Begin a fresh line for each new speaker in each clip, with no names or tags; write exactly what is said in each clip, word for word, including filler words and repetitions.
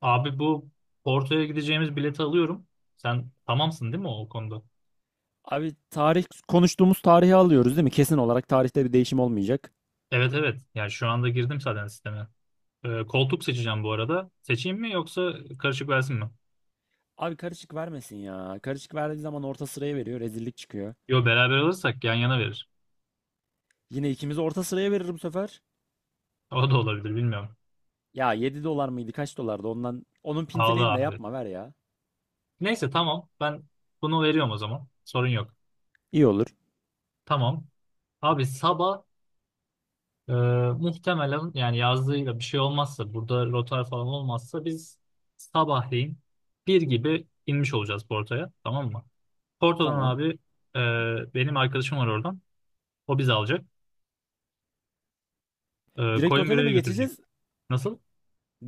Abi bu Porto'ya gideceğimiz bileti alıyorum. Sen tamamsın değil mi o konuda?
Abi tarih konuştuğumuz tarihi alıyoruz değil mi? Kesin olarak tarihte bir değişim olmayacak.
Evet, evet. Yani şu anda girdim zaten sisteme. Ee, koltuk seçeceğim bu arada. Seçeyim mi yoksa karışık versin mi?
Abi karışık vermesin ya. Karışık verdiği zaman orta sıraya veriyor. Rezillik çıkıyor.
Yo, beraber alırsak yan yana verir.
Yine ikimizi orta sıraya verir bu sefer.
O da olabilir, bilmiyorum.
Ya yedi dolar mıydı? Kaç dolardı? Ondan onun
Ağlı
pintiliğini de
abi.
yapma ver ya.
Neyse, tamam. Ben bunu veriyorum o zaman. Sorun yok.
İyi olur.
Tamam. Abi sabah e, muhtemelen yani yazdığıyla bir şey olmazsa, burada rotar falan olmazsa biz sabahleyin bir gibi inmiş olacağız Porto'ya. Tamam mı? Porto'dan
Tamam.
abi e, benim arkadaşım var oradan. O bizi alacak. E,
Direkt otele
Coimbira'ya
mi
götürecek.
geçeceğiz?
Nasıl?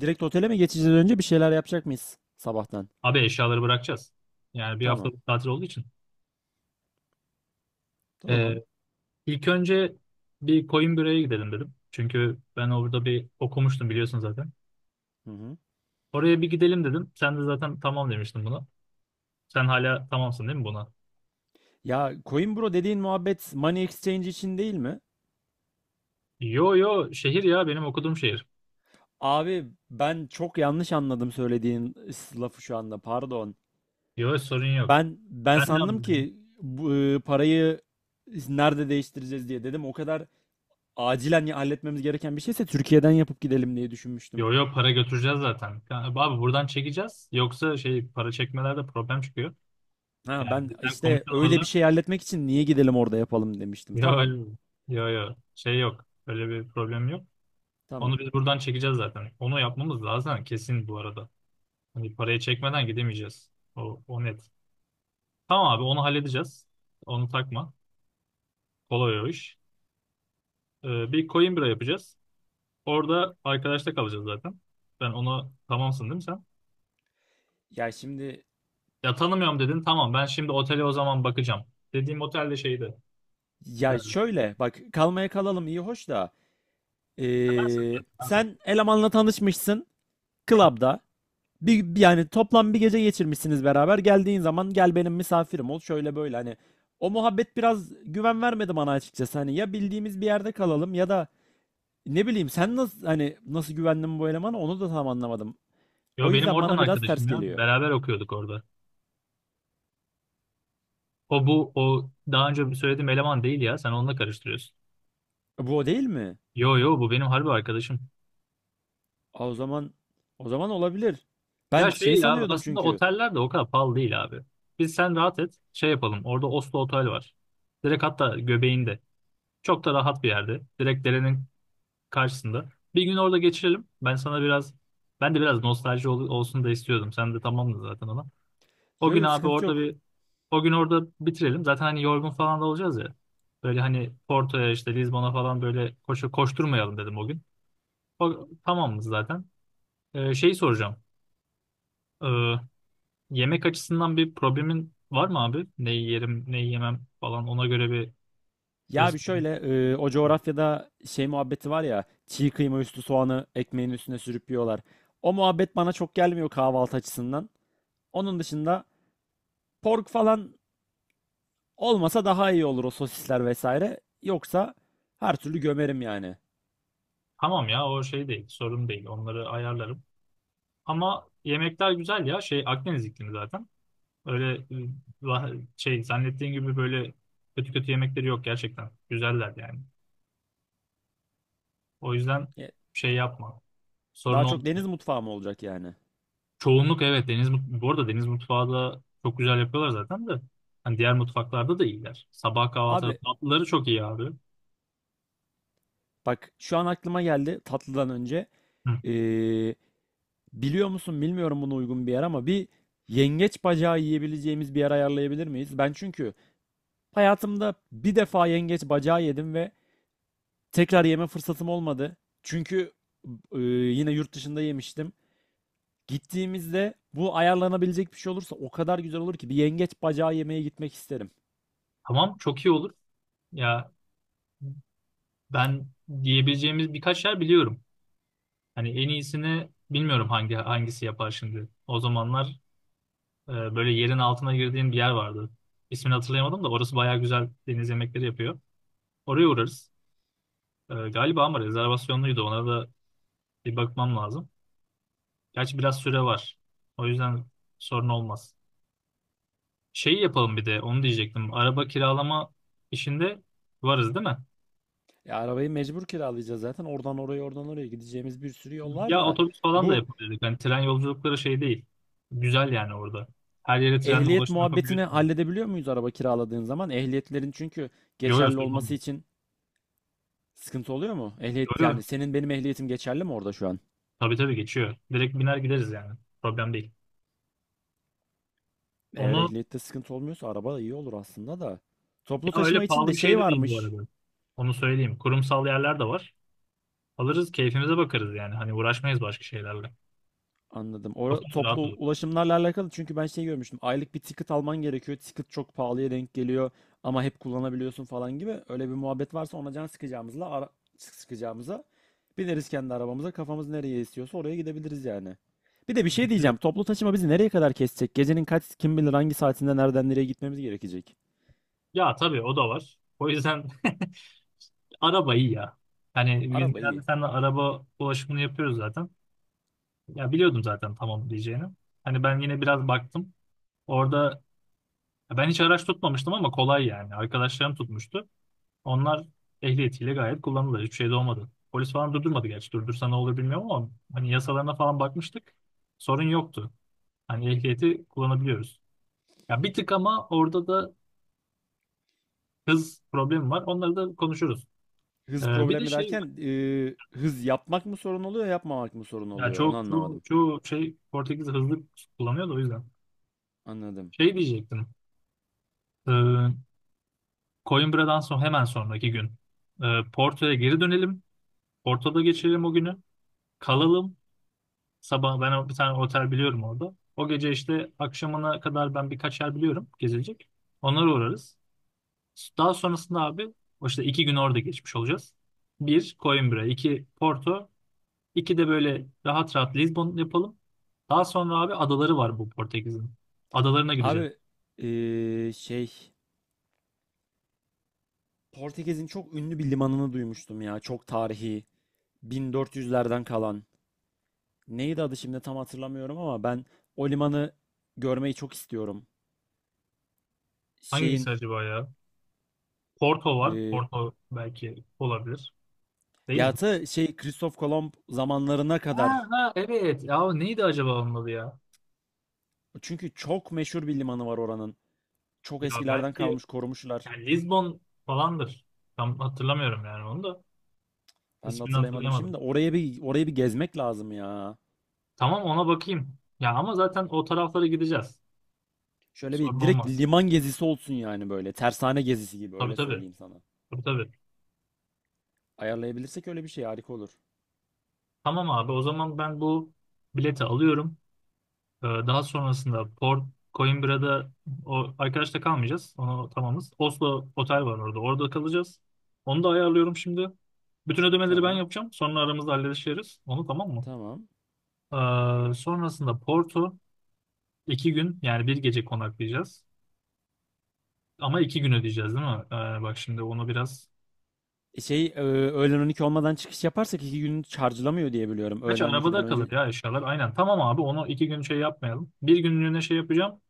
Direkt otele mi geçeceğiz, önce bir şeyler yapacak mıyız sabahtan?
Abi eşyaları bırakacağız. Yani bir
Tamam.
haftalık tatil olduğu için. E,
Tamam.
ilk önce bir Coimbira'ya gidelim dedim. Çünkü ben orada bir okumuştum, biliyorsun zaten.
Hı hı.
Oraya bir gidelim dedim. Sen de zaten tamam demiştin buna. Sen hala tamamsın değil mi buna?
Ya Coinbro dediğin muhabbet Money Exchange için değil mi?
Yo yo, şehir ya, benim okuduğum şehir.
Abi ben çok yanlış anladım söylediğin s- lafı şu anda. Pardon.
Yo, sorun yok.
Ben ben
Ben de
sandım
anlıyorum.
ki bu e, parayı nerede değiştireceğiz diye dedim. O kadar acilen ya- halletmemiz gereken bir şeyse Türkiye'den yapıp gidelim diye düşünmüştüm.
Yo yo, para götüreceğiz zaten. Yani, abi, buradan çekeceğiz. Yoksa şey, para çekmelerde problem çıkıyor.
Ha
Yani
ben
bizden
işte
komisyon
öyle bir
alırlar.
şey halletmek için niye gidelim orada yapalım demiştim.
Yo,
Tamam.
yo, yo. Şey yok. Öyle bir problem yok.
Tamam.
Onu biz buradan çekeceğiz zaten. Onu yapmamız lazım kesin bu arada. Hani parayı çekmeden gidemeyeceğiz. O, o net. Tamam abi, onu halledeceğiz. Onu takma. Kolay o iş. Ee, bir coin yapacağız. Orada arkadaşta kalacağız zaten. Ben ona, tamamsın değil mi sen?
Ya şimdi,
Ya tanımıyorum dedin. Tamam, ben şimdi otele o zaman bakacağım. Dediğim otel de şeydi.
ya
Ee,
şöyle bak, kalmaya kalalım iyi hoş da
Seversin
ee,
zaten abi.
sen elemanla tanışmışsın club'da. Bir, bir- yani toplam bir gece geçirmişsiniz beraber. Geldiğin zaman gel benim misafirim ol şöyle böyle, hani o muhabbet biraz güven vermedi bana açıkçası. Hani ya bildiğimiz bir yerde kalalım ya da ne bileyim, sen nasıl, hani nasıl güvendin bu elemana onu da tam anlamadım. O
Yo, benim
yüzden
oradan
bana biraz ters
arkadaşım ya.
geliyor.
Beraber okuyorduk orada. O bu, o daha önce söylediğim eleman değil ya. Sen onunla karıştırıyorsun.
E, Bu o değil mi?
Yo yo, bu benim harbi arkadaşım.
Aa, o zaman o zaman olabilir.
Ya
Ben şey
şey ya,
sanıyordum
aslında
çünkü.
oteller de o kadar pahalı değil abi. Biz sen rahat et, şey yapalım. Orada Oslo Otel var. Direkt hatta göbeğinde. Çok da rahat bir yerde. Direkt derenin karşısında. Bir gün orada geçirelim. Ben sana biraz, ben de biraz nostalji ol- olsun da istiyordum. Sen de tamamdın zaten ona. O
Yo
gün
yo,
abi
sıkıntı
orada
yok.
bir, o gün orada bitirelim. Zaten hani yorgun falan da olacağız ya. Böyle hani Porto'ya, işte Lizbon'a falan böyle koşu koşturmayalım dedim o gün. O, tamamız zaten. Ee, şeyi soracağım. Ee, yemek açısından bir problemin var mı abi? Neyi yerim, neyi yemem falan, ona göre bir
Ya bir
resim.
şöyle, e, o coğrafyada şey muhabbeti var ya, çiğ kıyma üstü soğanı ekmeğin üstüne sürüp yiyorlar. O muhabbet bana çok gelmiyor kahvaltı açısından. Onun dışında pork falan olmasa daha iyi olur, o sosisler vesaire. Yoksa her türlü gömerim yani.
Tamam ya, o şey değil, sorun değil. Onları ayarlarım. Ama yemekler güzel ya. Şey, Akdeniz iklimi zaten. Öyle e, va- şey zannettiğin gibi böyle kötü kötü yemekleri yok gerçekten. Güzeller yani. O yüzden
E,
şey yapma. Sorun
Daha çok
olmuyor.
deniz mutfağı mı olacak yani?
Çoğunluk evet, deniz mut- bu arada deniz mutfağı da çok güzel yapıyorlar zaten de. Hani diğer mutfaklarda da iyiler. Sabah kahvaltıları,
Abi,
tatlıları çok iyi abi.
bak şu an aklıma geldi tatlıdan önce.
Hı.
E, Biliyor musun bilmiyorum buna uygun bir yer ama bir yengeç bacağı yiyebileceğimiz bir yer ayarlayabilir miyiz? Ben çünkü hayatımda bir defa yengeç bacağı yedim ve tekrar yeme fırsatım olmadı. Çünkü e, yine yurt dışında yemiştim. Gittiğimizde bu ayarlanabilecek bir şey olursa o kadar güzel olur ki, bir yengeç bacağı yemeye gitmek isterim.
Tamam, çok iyi olur. Ya, ben diyebileceğimiz birkaç yer biliyorum. Hani en iyisini bilmiyorum, hangi hangisi yapar şimdi. O zamanlar Ee, böyle yerin altına girdiğim bir yer vardı. İsmini hatırlayamadım da orası bayağı güzel deniz yemekleri yapıyor. Oraya uğrarız. Ee, galiba ama rezervasyonluydu. Ona da bir bakmam lazım. Gerçi biraz süre var. O yüzden sorun olmaz. Şeyi yapalım, bir de onu diyecektim. Araba kiralama işinde varız değil mi?
Ya arabayı mecbur kiralayacağız zaten. Oradan oraya, oradan oraya gideceğimiz bir sürü yol
Ya
var da.
otobüs falan da
Bu
yapabilirdik. Hani tren yolculukları şey değil. Güzel yani orada. Her yere trenle
ehliyet
ulaşım
muhabbetini
yapabiliyorsunuz.
halledebiliyor muyuz araba kiraladığın zaman? Ehliyetlerin çünkü
Yo yo,
geçerli
sorun
olması
olmuyor.
için sıkıntı oluyor mu?
Yo
Ehliyet
yo.
yani, senin benim ehliyetim geçerli mi orada şu an?
Tabii tabii, geçiyor. Direkt biner gideriz yani. Problem değil.
Eğer
Onu,
ehliyette sıkıntı olmuyorsa araba da iyi olur aslında da. Toplu
ya öyle
taşıma için
pahalı
de
bir şey
şey
de değil bu
varmış.
arada. Onu söyleyeyim. Kurumsal yerler de var. Alırız, keyfimize bakarız yani. Hani uğraşmayız başka şeylerle.
Anladım. Ora,
Kafamız rahat
toplu
olur.
ulaşımlarla alakalı çünkü ben şey görmüştüm. Aylık bir ticket alman gerekiyor. Ticket çok pahalıya denk geliyor ama hep kullanabiliyorsun falan gibi. Öyle bir muhabbet varsa ona can sıkacağımızla, ara, sıkacağımıza bineriz kendi arabamıza. Kafamız nereye istiyorsa oraya gidebiliriz yani. Bir de bir şey
Evet.
diyeceğim. Toplu taşıma bizi nereye kadar kesecek? Gecenin kaç, kim bilir hangi saatinde nereden nereye gitmemiz gerekecek?
Ya tabii, o da var. O yüzden araba iyi ya. Yani biz
Araba
genelde
iyi.
seninle araba ulaşımını yapıyoruz zaten. Ya biliyordum zaten tamam diyeceğini. Hani ben yine biraz baktım. Orada, ya ben hiç araç tutmamıştım ama kolay yani. Arkadaşlarım tutmuştu. Onlar ehliyetiyle gayet kullanılır. Hiçbir şey de olmadı. Polis falan durdurmadı gerçi. Durdursa ne olur bilmiyorum ama hani yasalarına falan bakmıştık. Sorun yoktu. Hani ehliyeti kullanabiliyoruz. Ya bir tık ama orada da hız problemi var. Onları da konuşuruz.
Hız
Ee, bir de
problemi
şey var.
derken e, hız yapmak mı sorun oluyor, yapmamak mı sorun
Ya
oluyor? Onu
çok çoğu,
anlamadım.
çoğu şey, Portekiz hızlı kullanıyor da o yüzden.
Anladım.
Şey diyecektim. Ee, Coimbra'dan sonra hemen sonraki gün. Ee, Porto'ya geri dönelim. Porto'da geçirelim o günü. Kalalım. Sabah ben o- bir tane otel biliyorum orada. O gece işte akşamına kadar ben birkaç yer biliyorum gezilecek. Onlara uğrarız. Daha sonrasında abi, o işte iki gün orada geçmiş olacağız. Bir Coimbra, iki Porto, iki de böyle rahat rahat Lisbon yapalım. Daha sonra abi, adaları var bu Portekiz'in. Adalarına gideceğiz.
Abi, e, şey, Portekiz'in çok ünlü bir limanını duymuştum ya. Çok tarihi. bin dört yüzlerden kalan. Neydi adı şimdi, tam hatırlamıyorum ama ben o limanı görmeyi çok istiyorum.
Hangisi
Şeyin
acaba ya? Porto var.
e,
Porto belki olabilir. Değil
ya
mi?
Ta şey Kristof Kolomb zamanlarına
Ha,
kadar.
ha, evet. Ya neydi acaba onun adı ya?
Çünkü çok meşhur bir limanı var oranın. Çok
Ya
eskilerden
belki,
kalmış, korumuşlar.
yani Lisbon falandır. Tam hatırlamıyorum yani onu da.
Ben de
İsmini
hatırlayamadım şimdi
hatırlayamadım.
de, oraya bir oraya bir gezmek lazım ya.
Tamam, ona bakayım. Ya ama zaten o taraflara gideceğiz.
Şöyle
Sorun
bir direkt
olmaz.
liman gezisi olsun yani, böyle. Tersane gezisi gibi,
Tabii
öyle
tabii.
söyleyeyim sana.
Tabii tabii.
Ayarlayabilirsek öyle bir şey harika olur.
Tamam abi, o zaman ben bu bileti alıyorum. Ee, daha sonrasında Port, Coimbra'da o arkadaşta kalmayacağız. Onu tamamız. Oslo otel
Tamam.
var orada. Orada kalacağız. Onu da ayarlıyorum şimdi. Bütün ödemeleri ben
Tamam.
yapacağım. Sonra aramızda hallederiz. Onu, tamam mı?
Tamam.
Ee, sonrasında Porto, İki gün yani, bir gece konaklayacağız. Ama iki gün ödeyeceğiz değil mi? Ee, bak şimdi onu biraz...
E Şey e, öğlen on iki olmadan çıkış yaparsak iki gün charge'lamıyor diye biliyorum.
Gerçi
Öğlen on ikiden
arabada kalır
önce
ya eşyalar. Aynen, tamam abi, onu iki gün şey yapmayalım. Bir günlüğüne şey yapacağım.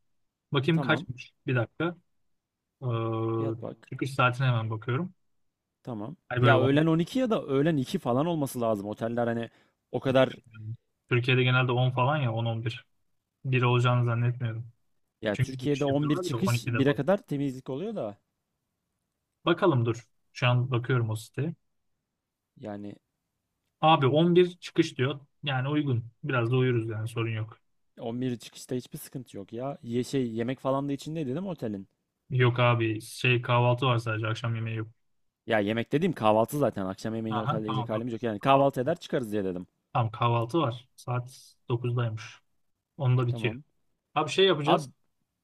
Bakayım
tamam.
kaçmış. Bir dakika. Ee,
Fiyat bak.
çıkış saatine hemen bakıyorum.
Tamam.
Hani böyle
Ya öğlen
on bir.
on iki ya da öğlen iki falan olması lazım. Oteller hani o kadar,
Türkiye'de genelde on falan, ya on, on bir. Bir bir olacağını zannetmiyorum.
ya
Çünkü
Türkiye'de
giriş
on bir
yapıyorlar da
çıkış
on ikide
bire
falan.
kadar temizlik oluyor da.
Bakalım dur. Şu an bakıyorum o
Tamam.
siteye.
Yani
Abi on bir çıkış diyor. Yani uygun. Biraz da uyuruz yani, sorun yok.
on bir çıkışta hiçbir sıkıntı yok ya. Ye şey, yemek falan da içinde dedim otelin.
Yok abi, şey, kahvaltı var sadece, akşam yemeği yok.
Ya yemek dediğim kahvaltı zaten. Akşam yemeğini
Aha,
otelde
tamam
yiyecek
tamam.
halimiz yok. Yani kahvaltı
Kahvaltı.
eder çıkarız diye dedim.
Tamam, kahvaltı var. Saat dokuzdaymış. Onda bitiyor.
Tamam.
Abi şey yapacağız.
Abi,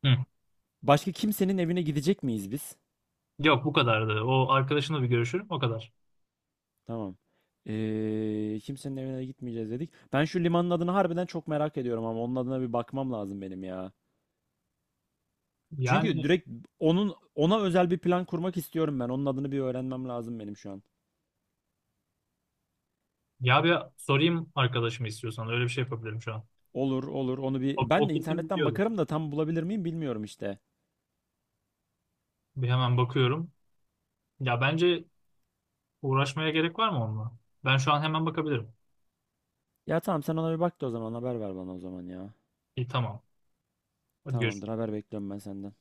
Hı.
başka kimsenin evine gidecek miyiz biz?
Yok, bu kadardı. O arkadaşınla bir görüşürüm, o kadar.
Tamam. Ee, kimsenin evine gitmeyeceğiz dedik. Ben şu limanın adını harbiden çok merak ediyorum ama onun adına bir bakmam lazım benim ya.
Yani,
Çünkü direkt onun ona özel bir plan kurmak istiyorum ben. Onun adını bir öğrenmem lazım benim şu an.
ya bir sorayım arkadaşımı, istiyorsan öyle bir şey yapabilirim şu an.
Olur olur, onu
O,
bir ben
o
de
kesin
internetten
biliyordu.
bakarım da tam bulabilir miyim bilmiyorum işte.
Bir hemen bakıyorum. Ya bence uğraşmaya gerek var mı onunla? Ben şu an hemen bakabilirim.
Ya tamam, sen ona bir bak da o zaman haber ver bana o zaman ya.
İyi, tamam. Hadi görüşürüz.
Tamamdır, haber bekliyorum ben senden.